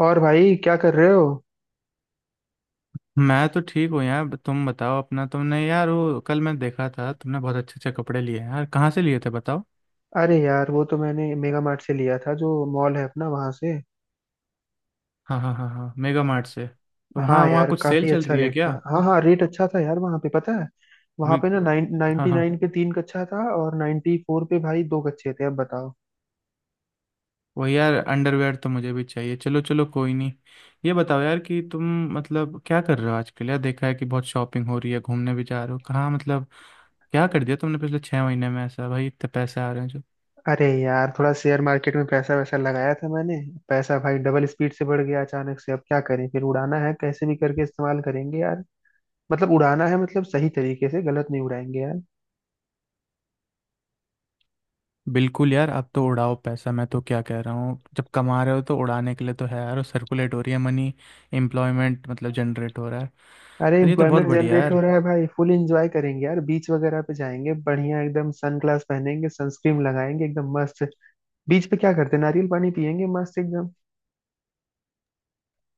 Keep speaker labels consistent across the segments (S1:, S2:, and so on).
S1: और भाई क्या कर रहे हो?
S2: मैं तो ठीक हूँ यार। तुम बताओ अपना। तुमने यार वो कल मैं देखा था, तुमने बहुत अच्छे अच्छे कपड़े लिए हैं यार, कहाँ से लिए थे बताओ।
S1: अरे यार, वो तो मैंने मेगा मार्ट से लिया था, जो मॉल है अपना, वहां से।
S2: हाँ हाँ हाँ हाँ, मेगा मार्ट से। तो
S1: हाँ
S2: वहाँ वहाँ
S1: यार,
S2: कुछ सेल
S1: काफी
S2: चल
S1: अच्छा
S2: रही है
S1: रेट
S2: क्या?
S1: था। हाँ हाँ, रेट अच्छा था यार। वहां पे पता है, वहां
S2: वी-
S1: पे ना नाइन
S2: हाँ
S1: नाइनटी
S2: हाँ।
S1: नाइन पे तीन कच्चा था और 94 पे भाई दो कच्चे थे। अब बताओ।
S2: वो यार अंडरवेयर तो मुझे भी चाहिए। चलो चलो, कोई नहीं। ये बताओ यार कि तुम, मतलब क्या कर रहे हो आजकल यार? देखा है कि बहुत शॉपिंग हो रही है, घूमने भी जा रहे हो कहाँ, मतलब क्या कर दिया तुमने पिछले 6 महीने में ऐसा? भाई इतने पैसे आ रहे हैं।
S1: अरे यार, थोड़ा शेयर मार्केट में पैसा वैसा लगाया था मैंने। पैसा भाई डबल स्पीड से बढ़ गया अचानक से। अब क्या करें, फिर उड़ाना है, कैसे भी करके इस्तेमाल करेंगे यार। मतलब उड़ाना है, मतलब सही तरीके से, गलत नहीं उड़ाएंगे यार।
S2: बिल्कुल यार, अब तो उड़ाओ पैसा। मैं तो क्या कह रहा हूँ, जब कमा रहे हो तो उड़ाने के लिए तो है यार, और सर्कुलेट हो रही है मनी, एम्प्लॉयमेंट मतलब जनरेट हो रहा है।
S1: अरे,
S2: और ये तो बहुत
S1: एम्प्लॉयमेंट
S2: बढ़िया है
S1: जनरेट हो
S2: यार।
S1: रहा है भाई, फुल एंजॉय करेंगे यार, बीच वगैरह पे जाएंगे, बढ़िया एकदम, सन ग्लास पहनेंगे, सनस्क्रीन लगाएंगे, एकदम मस्त। बीच पे क्या करते हैं, नारियल पानी पियेंगे, मस्त एकदम।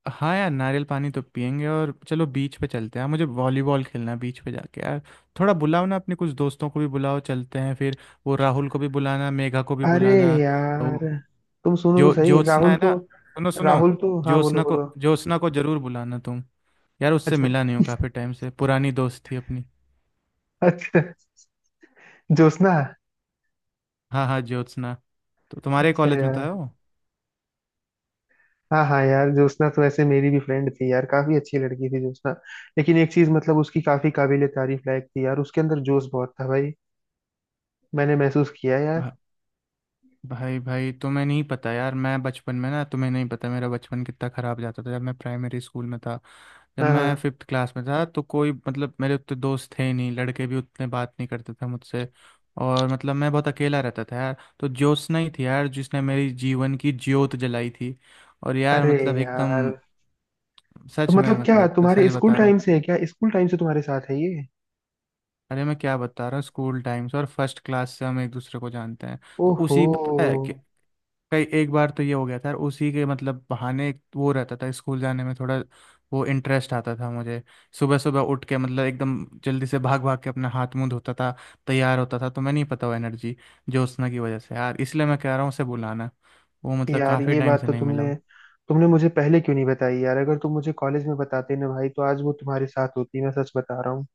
S2: हाँ यार, नारियल पानी तो पियेंगे, और चलो बीच पे चलते हैं, मुझे वॉलीबॉल खेलना है बीच पे जाके यार। थोड़ा बुलाओ ना, अपने कुछ दोस्तों को भी बुलाओ, चलते हैं फिर। वो राहुल को भी बुलाना, मेघा को भी
S1: अरे
S2: बुलाना। वो
S1: यार, तुम सुनो तो
S2: जो
S1: सही।
S2: ज्योत्सना
S1: राहुल
S2: है ना,
S1: तो
S2: सुनो सुनो,
S1: राहुल तो हाँ, बोलो
S2: ज्योत्सना
S1: बोलो।
S2: को, ज्योत्सना को जरूर बुलाना तुम। यार उससे
S1: अच्छा,
S2: मिला नहीं हूँ काफ़ी टाइम से, पुरानी दोस्त थी अपनी।
S1: अच्छा, ज्योत्सना।
S2: हाँ हाँ ज्योत्सना। तो तुम्हारे
S1: अच्छा
S2: कॉलेज में तो
S1: यार,
S2: है वो।
S1: हाँ हाँ यार, ज्योत्सना तो ऐसे मेरी भी फ्रेंड थी यार। काफी अच्छी लड़की थी ज्योत्सना। लेकिन एक चीज मतलब उसकी काफी काबिले तारीफ लायक थी यार, उसके अंदर जोश बहुत था भाई। मैंने महसूस किया यार।
S2: भा, भाई भाई तुम्हें नहीं पता यार, मैं बचपन में ना, तुम्हें नहीं पता मेरा बचपन कितना ख़राब जाता था। जब मैं प्राइमरी स्कूल में था, जब
S1: हाँ हाँ।
S2: मैं फिफ्थ क्लास में था, तो कोई मतलब मेरे उतने दोस्त थे ही नहीं, लड़के भी उतने बात नहीं करते थे मुझसे, और मतलब मैं बहुत अकेला रहता था यार। तो ज्योत्सना ही थी यार जिसने मेरी जीवन की ज्योत जलाई थी, और यार
S1: अरे
S2: मतलब एकदम,
S1: यार, तो
S2: सच में,
S1: मतलब क्या
S2: मतलब
S1: तुम्हारे
S2: सच
S1: स्कूल
S2: बता रहा हूँ।
S1: टाइम से है क्या, स्कूल टाइम से तुम्हारे साथ है ये?
S2: अरे मैं क्या बता रहा हूँ, स्कूल टाइम से, और फर्स्ट क्लास से हम एक दूसरे को जानते हैं। तो
S1: ओहो।
S2: उसी पता है कि, कई एक बार तो ये हो गया था, और उसी के मतलब बहाने एक, वो रहता था स्कूल जाने में थोड़ा वो इंटरेस्ट आता था मुझे। सुबह सुबह उठ के मतलब एकदम जल्दी से, भाग भाग के अपना हाथ मुंह धोता था, तैयार होता था। तो मैं नहीं पता वो एनर्जी, जोशना की वजह से यार। इसलिए मैं कह रहा हूँ उसे बुलाना। वो मतलब
S1: यार
S2: काफ़ी
S1: ये
S2: टाइम
S1: बात
S2: से
S1: तो
S2: नहीं मिला
S1: तुमने
S2: हूँ।
S1: तुमने मुझे पहले क्यों नहीं बताई यार? अगर तुम मुझे कॉलेज में बताते ना भाई, तो आज वो तुम्हारे साथ होती, मैं सच बता रहा हूँ।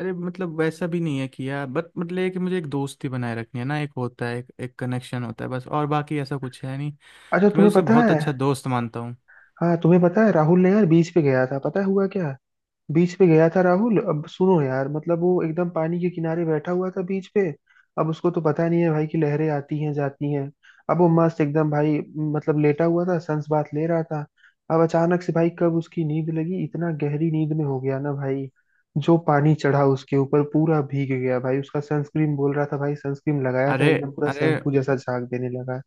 S2: अरे मतलब वैसा भी नहीं है कि यार, बट मतलब ये कि मुझे एक दोस्ती बनाए रखनी है ना। एक होता है एक कनेक्शन होता है बस, और बाकी ऐसा कुछ है नहीं।
S1: अच्छा,
S2: कि मैं
S1: तुम्हें
S2: उसे
S1: पता
S2: बहुत
S1: है।
S2: अच्छा दोस्त मानता हूँ।
S1: हाँ, तुम्हें पता है राहुल ने यार, बीच पे गया था, पता है हुआ क्या? बीच पे गया था राहुल। अब सुनो यार, मतलब वो एकदम पानी के किनारे बैठा हुआ था बीच पे। अब उसको तो पता नहीं है भाई कि लहरें आती हैं जाती हैं। अब वो मस्त एकदम भाई, मतलब लेटा हुआ था, सन्स बाथ ले रहा था। अब अचानक से भाई, कब उसकी नींद लगी, इतना गहरी नींद में हो गया ना भाई। जो पानी चढ़ा उसके ऊपर, पूरा भीग गया भाई। उसका सनस्क्रीन बोल रहा था भाई, सनस्क्रीन लगाया था
S2: अरे,
S1: एकदम, पूरा
S2: अरे,
S1: शैम्पू जैसा झाग देने लगा।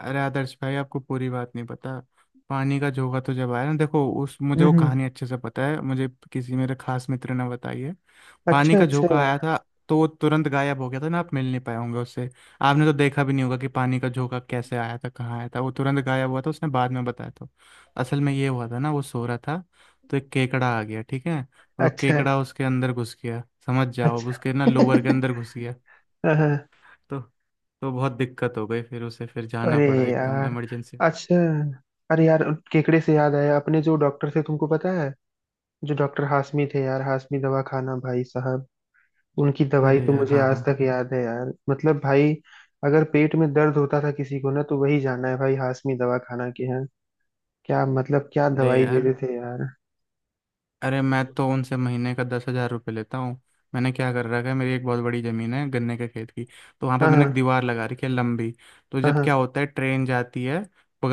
S2: अरे आदर्श भाई आपको पूरी बात नहीं पता। पानी का जोगा तो जब आया ना, देखो उस, मुझे
S1: हम्म
S2: वो
S1: हम्म।
S2: कहानी अच्छे से पता है, मुझे किसी मेरे खास मित्र ने बताई है। पानी
S1: अच्छा,
S2: का
S1: अच्छा।
S2: झोंका आया था, तो वो तुरंत गायब हो गया था ना। आप मिल नहीं पाए होंगे उससे। आपने तो देखा भी नहीं होगा कि पानी का झोंका कैसे आया था, कहाँ आया था। वो तुरंत गायब हुआ था, उसने बाद में बताया था। असल में ये हुआ था ना, वो सो रहा था, तो एक केकड़ा आ गया, ठीक है। और वो
S1: अच्छा,
S2: केकड़ा उसके अंदर घुस गया, समझ जाओ, अब
S1: अच्छा।
S2: उसके ना लोवर के अंदर घुस गया।
S1: हाँ, हाँ।
S2: तो तो बहुत दिक्कत हो गई, फिर उसे फिर जाना
S1: अरे
S2: पड़ा एकदम
S1: यार।
S2: इमरजेंसी।
S1: अच्छा। अरे यार, केकड़े से याद आया, अपने जो डॉक्टर थे, तुमको पता है, जो डॉक्टर हाशमी थे यार, हाशमी दवा खाना, भाई साहब। उनकी दवाई
S2: अरे
S1: तो
S2: यार
S1: मुझे
S2: हाँ
S1: आज
S2: हाँ।
S1: तक याद है यार, मतलब भाई, अगर पेट में दर्द होता था किसी को ना, तो वही जाना है भाई, हाशमी दवा खाना के यहाँ। क्या मतलब, क्या
S2: अरे
S1: दवाई
S2: यार।
S1: देते थे यार?
S2: अरे मैं तो उनसे महीने का 10,000 रुपये लेता हूँ। मैंने क्या कर रखा है, मेरी एक बहुत बड़ी ज़मीन है गन्ने के खेत की। तो वहाँ पे
S1: हाँ
S2: मैंने एक
S1: हाँ।
S2: दीवार लगा रखी है लंबी। तो
S1: हाँ
S2: जब क्या
S1: हाँ।
S2: होता है, ट्रेन जाती है,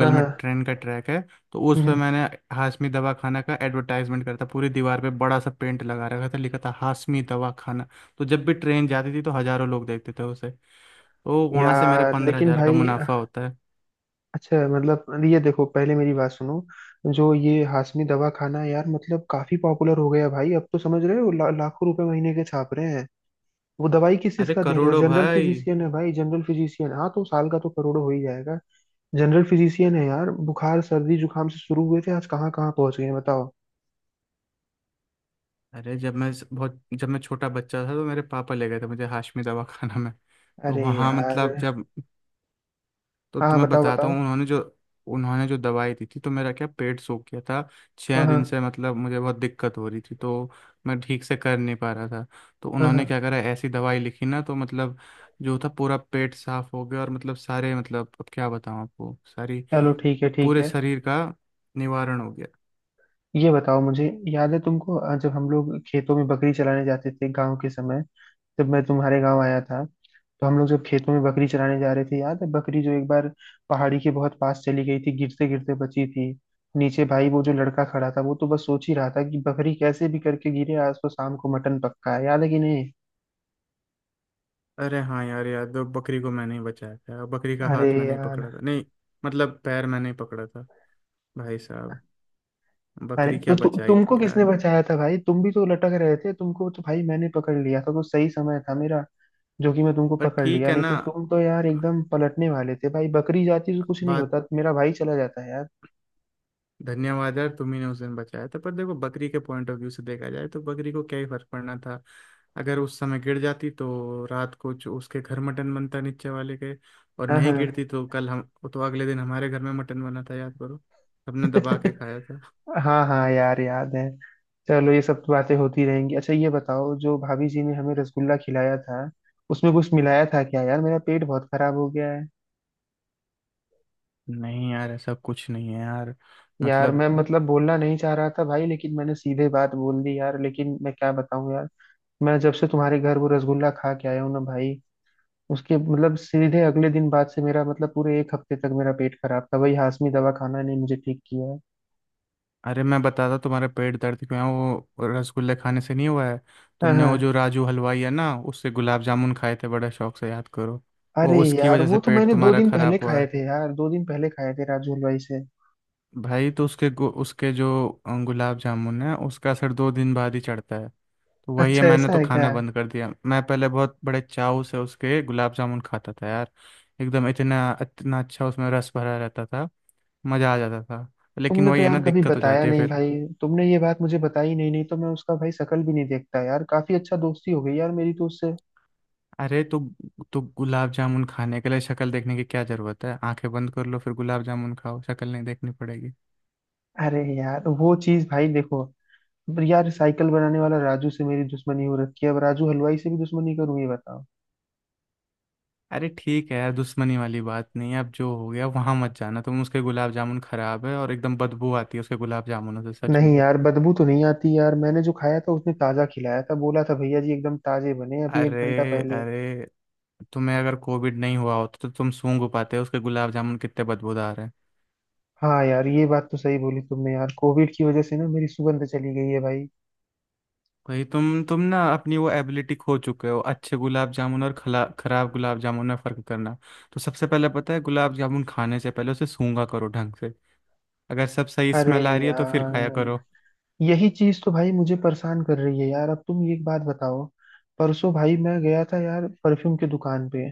S1: हाँ
S2: में
S1: हाँ।
S2: ट्रेन का ट्रैक है। तो उस पर
S1: हम्म,
S2: मैंने हाशमी दवाखाना का एडवर्टाइजमेंट करता, पूरी दीवार पे बड़ा सा पेंट लगा रखा था, लिखा था हाशमी दवाखाना। तो जब भी ट्रेन जाती थी तो हज़ारों लोग देखते थे उसे। तो वहाँ से मेरा
S1: यार
S2: पंद्रह
S1: लेकिन
S2: हजार का
S1: भाई,
S2: मुनाफा होता है।
S1: अच्छा मतलब ये देखो, पहले मेरी बात सुनो। जो ये हाशमी दवा खाना है यार, मतलब काफी पॉपुलर हो गया भाई, अब तो समझ रहे हो, लाखों रुपए महीने के छाप रहे हैं। वो दवाई किस चीज
S2: अरे
S1: का दे रहे हैं,
S2: करोड़ों
S1: जनरल
S2: भाई।
S1: फिजिशियन है भाई, जनरल फिजिशियन। हाँ, तो साल का तो करोड़ों हो ही जाएगा। जनरल फिजिशियन है यार, बुखार सर्दी जुकाम से शुरू हुए थे, आज कहाँ कहाँ पहुंच गए हैं, बताओ।
S2: अरे जब मैं छोटा बच्चा था, तो मेरे पापा ले गए थे मुझे हाशमी दवाखाना में। तो
S1: अरे
S2: वहाँ
S1: यार।
S2: मतलब जब, तो
S1: हाँ हाँ,
S2: तुम्हें
S1: बताओ
S2: बताता
S1: बताओ।
S2: हूँ उन्होंने जो दवाई दी थी, तो मेरा क्या पेट सूख गया था।
S1: हाँ
S2: 6 दिन
S1: हाँ।
S2: से मतलब मुझे बहुत दिक्कत हो रही थी, तो मैं ठीक से कर नहीं पा रहा था। तो
S1: हाँ
S2: उन्होंने
S1: हाँ।
S2: क्या करा, ऐसी दवाई लिखी ना तो मतलब, जो था पूरा पेट साफ हो गया, और मतलब सारे, मतलब अब क्या बताऊँ आपको सारी,
S1: चलो ठीक है,
S2: मतलब
S1: ठीक
S2: पूरे
S1: है।
S2: शरीर का निवारण हो गया।
S1: ये बताओ मुझे, याद है तुमको, जब हम लोग खेतों में बकरी चराने जाते थे गाँव के समय, जब मैं तुम्हारे गांव आया था, तो हम लोग जब खेतों में बकरी चराने जा रहे थे, याद है बकरी जो एक बार पहाड़ी के बहुत पास चली गई थी, गिरते गिरते बची थी। नीचे भाई वो जो लड़का खड़ा था, वो तो बस सोच ही रहा था कि बकरी कैसे भी करके गिरे, आज तो शाम को मटन पक्का है। याद है कि नहीं?
S2: अरे हाँ यार याद है, बकरी को मैंने ही बचाया था, और बकरी का
S1: अरे
S2: हाथ मैंने ही
S1: यार,
S2: पकड़ा था, नहीं, मतलब पैर मैंने ही पकड़ा था। भाई साहब,
S1: अरे
S2: बकरी
S1: तो
S2: क्या बचाई
S1: तुमको
S2: थी
S1: किसने
S2: यार।
S1: बचाया था भाई, तुम भी तो लटक रहे थे, तुमको तो भाई मैंने पकड़ लिया था, तो सही समय था मेरा जो कि मैं तुमको
S2: पर
S1: पकड़
S2: ठीक
S1: लिया,
S2: है
S1: नहीं
S2: ना
S1: तो तुम तो यार एकदम पलटने वाले थे भाई। बकरी जाती तो कुछ नहीं
S2: बात।
S1: होता, मेरा भाई चला जाता है यार।
S2: धन्यवाद यार, तुम्ही ने उस दिन बचाया था। पर देखो बकरी के पॉइंट ऑफ व्यू से देखा जाए, तो बकरी को क्या ही फर्क पड़ना था। अगर उस समय गिर जाती तो रात को जो उसके घर मटन बनता नीचे वाले के, और
S1: हाँ हाँ।
S2: नहीं गिरती तो कल हम, तो अगले दिन हमारे घर में मटन बना था, याद करो, सबने दबा के खाया था।
S1: हाँ हाँ यार, याद है। चलो ये सब तो बातें होती रहेंगी। अच्छा ये बताओ, जो भाभी जी ने हमें रसगुल्ला खिलाया था, उसमें कुछ मिलाया था क्या यार? मेरा पेट बहुत खराब हो गया है।
S2: नहीं यार, ऐसा कुछ नहीं है यार,
S1: यार
S2: मतलब।
S1: मैं मतलब बोलना नहीं चाह रहा था भाई, लेकिन मैंने सीधे बात बोल दी यार, लेकिन मैं क्या बताऊं यार, मैं जब से तुम्हारे घर वो रसगुल्ला खा के आया हूँ ना भाई, उसके मतलब सीधे अगले दिन बाद से मेरा, मतलब पूरे 1 हफ्ते तक मेरा पेट खराब था भाई, हाशमी दवा खाना ने मुझे ठीक किया है।
S2: अरे मैं बताता तुम्हारे पेट दर्द क्यों है, वो रसगुल्ले खाने से नहीं हुआ है।
S1: हाँ
S2: तुमने वो जो
S1: हाँ।
S2: राजू हलवाई है ना, उससे गुलाब जामुन खाए थे बड़े शौक से, याद करो,
S1: अरे
S2: वो उसकी
S1: यार,
S2: वजह
S1: वो
S2: से
S1: तो
S2: पेट
S1: मैंने दो
S2: तुम्हारा
S1: दिन पहले
S2: खराब हुआ
S1: खाए
S2: है।
S1: थे यार, 2 दिन पहले खाए थे राजू हलवाई से।
S2: भाई तो उसके गु-, उसके जो गुलाब जामुन है, उसका असर 2 दिन बाद ही चढ़ता है। तो वही है,
S1: अच्छा,
S2: मैंने
S1: ऐसा
S2: तो
S1: है क्या?
S2: खाना बंद कर दिया। मैं पहले बहुत बड़े चाव से उसके गुलाब जामुन खाता था यार, एकदम, इतना इतना अच्छा, उसमें रस भरा रहता था, मज़ा आ जाता था। लेकिन
S1: तुमने तो
S2: वही है ना,
S1: यार कभी
S2: दिक्कत हो
S1: बताया
S2: जाती है
S1: नहीं
S2: फिर।
S1: भाई, तुमने ये बात मुझे बताई नहीं, नहीं तो मैं उसका भाई शकल भी नहीं देखता यार, काफी अच्छा दोस्ती हो गई यार मेरी तो उससे।
S2: अरे तो गुलाब जामुन खाने के लिए शक्ल देखने की क्या जरूरत है। आंखें बंद कर लो फिर गुलाब जामुन खाओ, शक्ल नहीं देखनी पड़ेगी।
S1: अरे यार, वो चीज भाई देखो यार, साइकिल बनाने वाला राजू से मेरी दुश्मनी हो रखी है, अब राजू हलवाई से भी दुश्मनी करूँ, ये बताओ।
S2: अरे ठीक है यार, दुश्मनी वाली बात नहीं है। अब जो हो गया, वहां मत जाना तुम, उसके गुलाब जामुन खराब है, और एकदम बदबू आती है उसके गुलाब जामुनों से, सच
S1: नहीं
S2: में।
S1: यार, बदबू तो नहीं आती यार, मैंने जो खाया था उसने ताजा खिलाया था, बोला था भैया जी एकदम ताजे बने अभी 1 घंटा
S2: अरे,
S1: पहले।
S2: अरे, तुम्हें अगर कोविड नहीं हुआ होता, तो तुम सूंघ पाते उसके गुलाब जामुन कितने बदबूदार हैं।
S1: हाँ यार, ये बात तो सही बोली तुमने यार, कोविड की वजह से ना मेरी सुगंध चली गई है भाई।
S2: भाई तुम ना अपनी वो एबिलिटी खो चुके हो, अच्छे गुलाब जामुन और खला खराब गुलाब जामुन में फर्क करना। तो सबसे पहले पता है, गुलाब जामुन खाने से पहले उसे सूंघा करो ढंग से, अगर सब सही
S1: अरे
S2: स्मेल आ रही है, तो फिर खाया
S1: यार,
S2: करो।
S1: यही चीज तो भाई मुझे परेशान कर रही है यार। अब तुम एक बात बताओ, परसों भाई मैं गया था यार, परफ्यूम की दुकान पे।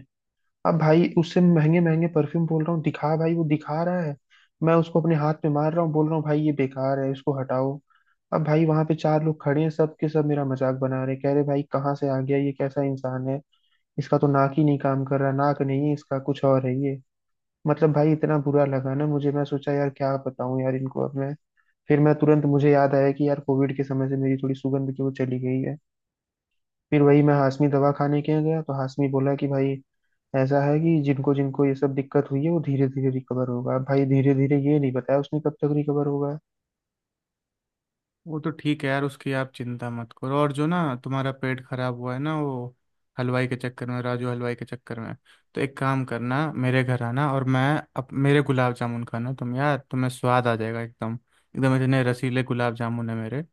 S1: अब भाई उससे महंगे महंगे परफ्यूम बोल रहा हूँ दिखा, भाई वो दिखा रहा है, मैं उसको अपने हाथ में मार रहा हूँ, बोल रहा हूँ भाई ये बेकार है, इसको हटाओ। अब भाई वहां पे चार लोग खड़े हैं, सब के सब मेरा मजाक बना रहे, कह रहे भाई कहाँ से आ गया, ये कैसा इंसान है, इसका तो नाक ही नहीं काम कर रहा, नाक नहीं है इसका, कुछ और है ये। मतलब भाई इतना बुरा लगा ना मुझे, मैं सोचा यार क्या बताऊं यार इनको अब मैं, फिर मैं तुरंत, मुझे याद आया कि यार कोविड के समय से मेरी थोड़ी सुगंध की वो चली गई है। फिर वही मैं हाशमी दवा खाने के यहाँ गया, तो हाशमी बोला कि भाई, ऐसा है कि जिनको जिनको ये सब दिक्कत हुई है, वो धीरे धीरे रिकवर होगा। अब भाई धीरे धीरे ये नहीं बताया उसने कब तक रिकवर होगा।
S2: वो तो ठीक है यार, उसकी आप चिंता मत करो। और जो ना तुम्हारा पेट खराब हुआ है ना, वो हलवाई के चक्कर में, राजू हलवाई के चक्कर में। तो एक काम करना, मेरे घर आना, और मैं, अब मेरे गुलाब जामुन खाना तुम यार, तुम्हें स्वाद आ जाएगा एकदम, एकदम इतने रसीले गुलाब जामुन है मेरे।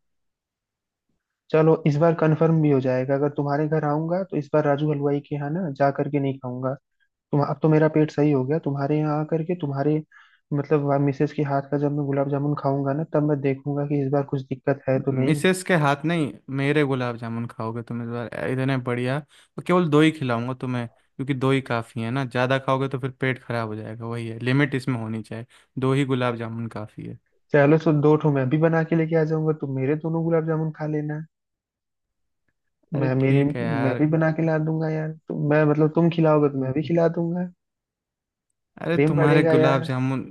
S1: चलो इस बार कंफर्म भी हो जाएगा, अगर तुम्हारे घर आऊंगा तो इस बार राजू हलवाई के यहाँ ना जा करके नहीं खाऊंगा। तुम, अब तो मेरा पेट सही हो गया तुम्हारे यहाँ आ करके, तुम्हारे मतलब वहाँ मिसेज के हाथ का जब मैं गुलाब जामुन खाऊंगा ना, तब मैं देखूंगा कि इस बार कुछ दिक्कत है तो नहीं।
S2: मिसेस के हाथ नहीं, मेरे गुलाब जामुन खाओगे तुम इस बार, इतने बढ़िया। और केवल दो ही खिलाऊंगा तुम्हें, क्योंकि दो ही काफ़ी है ना, ज़्यादा खाओगे तो फिर पेट खराब हो जाएगा। वही है, लिमिट इसमें होनी चाहिए, दो ही गुलाब जामुन काफ़ी है।
S1: चलो, तो दो ठो मैं भी बना के लेके आ जाऊंगा, तुम मेरे दोनों गुलाब जामुन खा लेना।
S2: अरे
S1: मैं मेरी
S2: ठीक है
S1: मैं
S2: यार,
S1: भी बना के ला दूंगा यार, तो मैं मतलब तुम खिलाओगे तो मैं
S2: ठीक
S1: भी
S2: है।
S1: खिला दूंगा।
S2: अरे
S1: प्रेम
S2: तुम्हारे
S1: बढ़ेगा
S2: गुलाब
S1: यार।
S2: जामुन,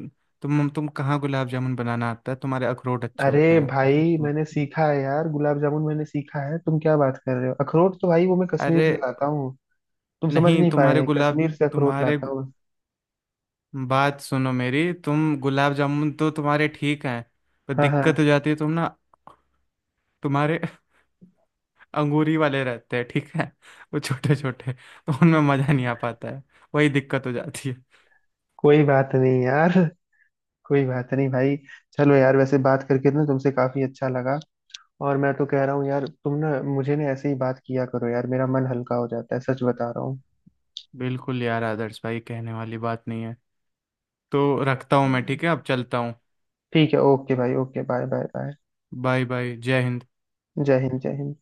S2: तुम कहाँ, गुलाब जामुन बनाना आता है तुम्हारे? अखरोट अच्छे होते
S1: अरे
S2: हैं
S1: भाई मैंने सीखा है यार, गुलाब जामुन मैंने सीखा है, तुम क्या बात कर रहे हो? अखरोट तो भाई वो मैं कश्मीर
S2: अरे
S1: से लाता हूँ। तुम समझ
S2: नहीं,
S1: नहीं
S2: तुम्हारे
S1: पाए,
S2: गुलाब,
S1: कश्मीर से अखरोट
S2: तुम्हारे
S1: लाता
S2: गु-
S1: हूँ।
S2: बात सुनो मेरी, तुम गुलाब जामुन तो तुम्हारे ठीक हैं, पर
S1: हाँ
S2: दिक्कत हो
S1: हाँ।
S2: जाती है तुम ना, तुम्हारे अंगूरी वाले रहते हैं, ठीक है, वो छोटे छोटे, तो उनमें मजा नहीं आ पाता है, वही दिक्कत हो जाती है।
S1: कोई बात नहीं यार, कोई बात नहीं भाई। चलो यार, वैसे बात करके ना तुमसे काफी अच्छा लगा। और मैं तो कह रहा हूँ यार, तुम ना मुझे ना ऐसे ही बात किया करो यार, मेरा मन हल्का हो जाता है, सच बता रहा हूँ।
S2: बिल्कुल यार आदर्श भाई, कहने वाली बात नहीं है। तो रखता हूँ मैं, ठीक है, अब चलता हूँ।
S1: ठीक है, ओके भाई, okay, bye bye bye.
S2: Bye bye, जय हिंद।
S1: जय हिंद, जय हिंद।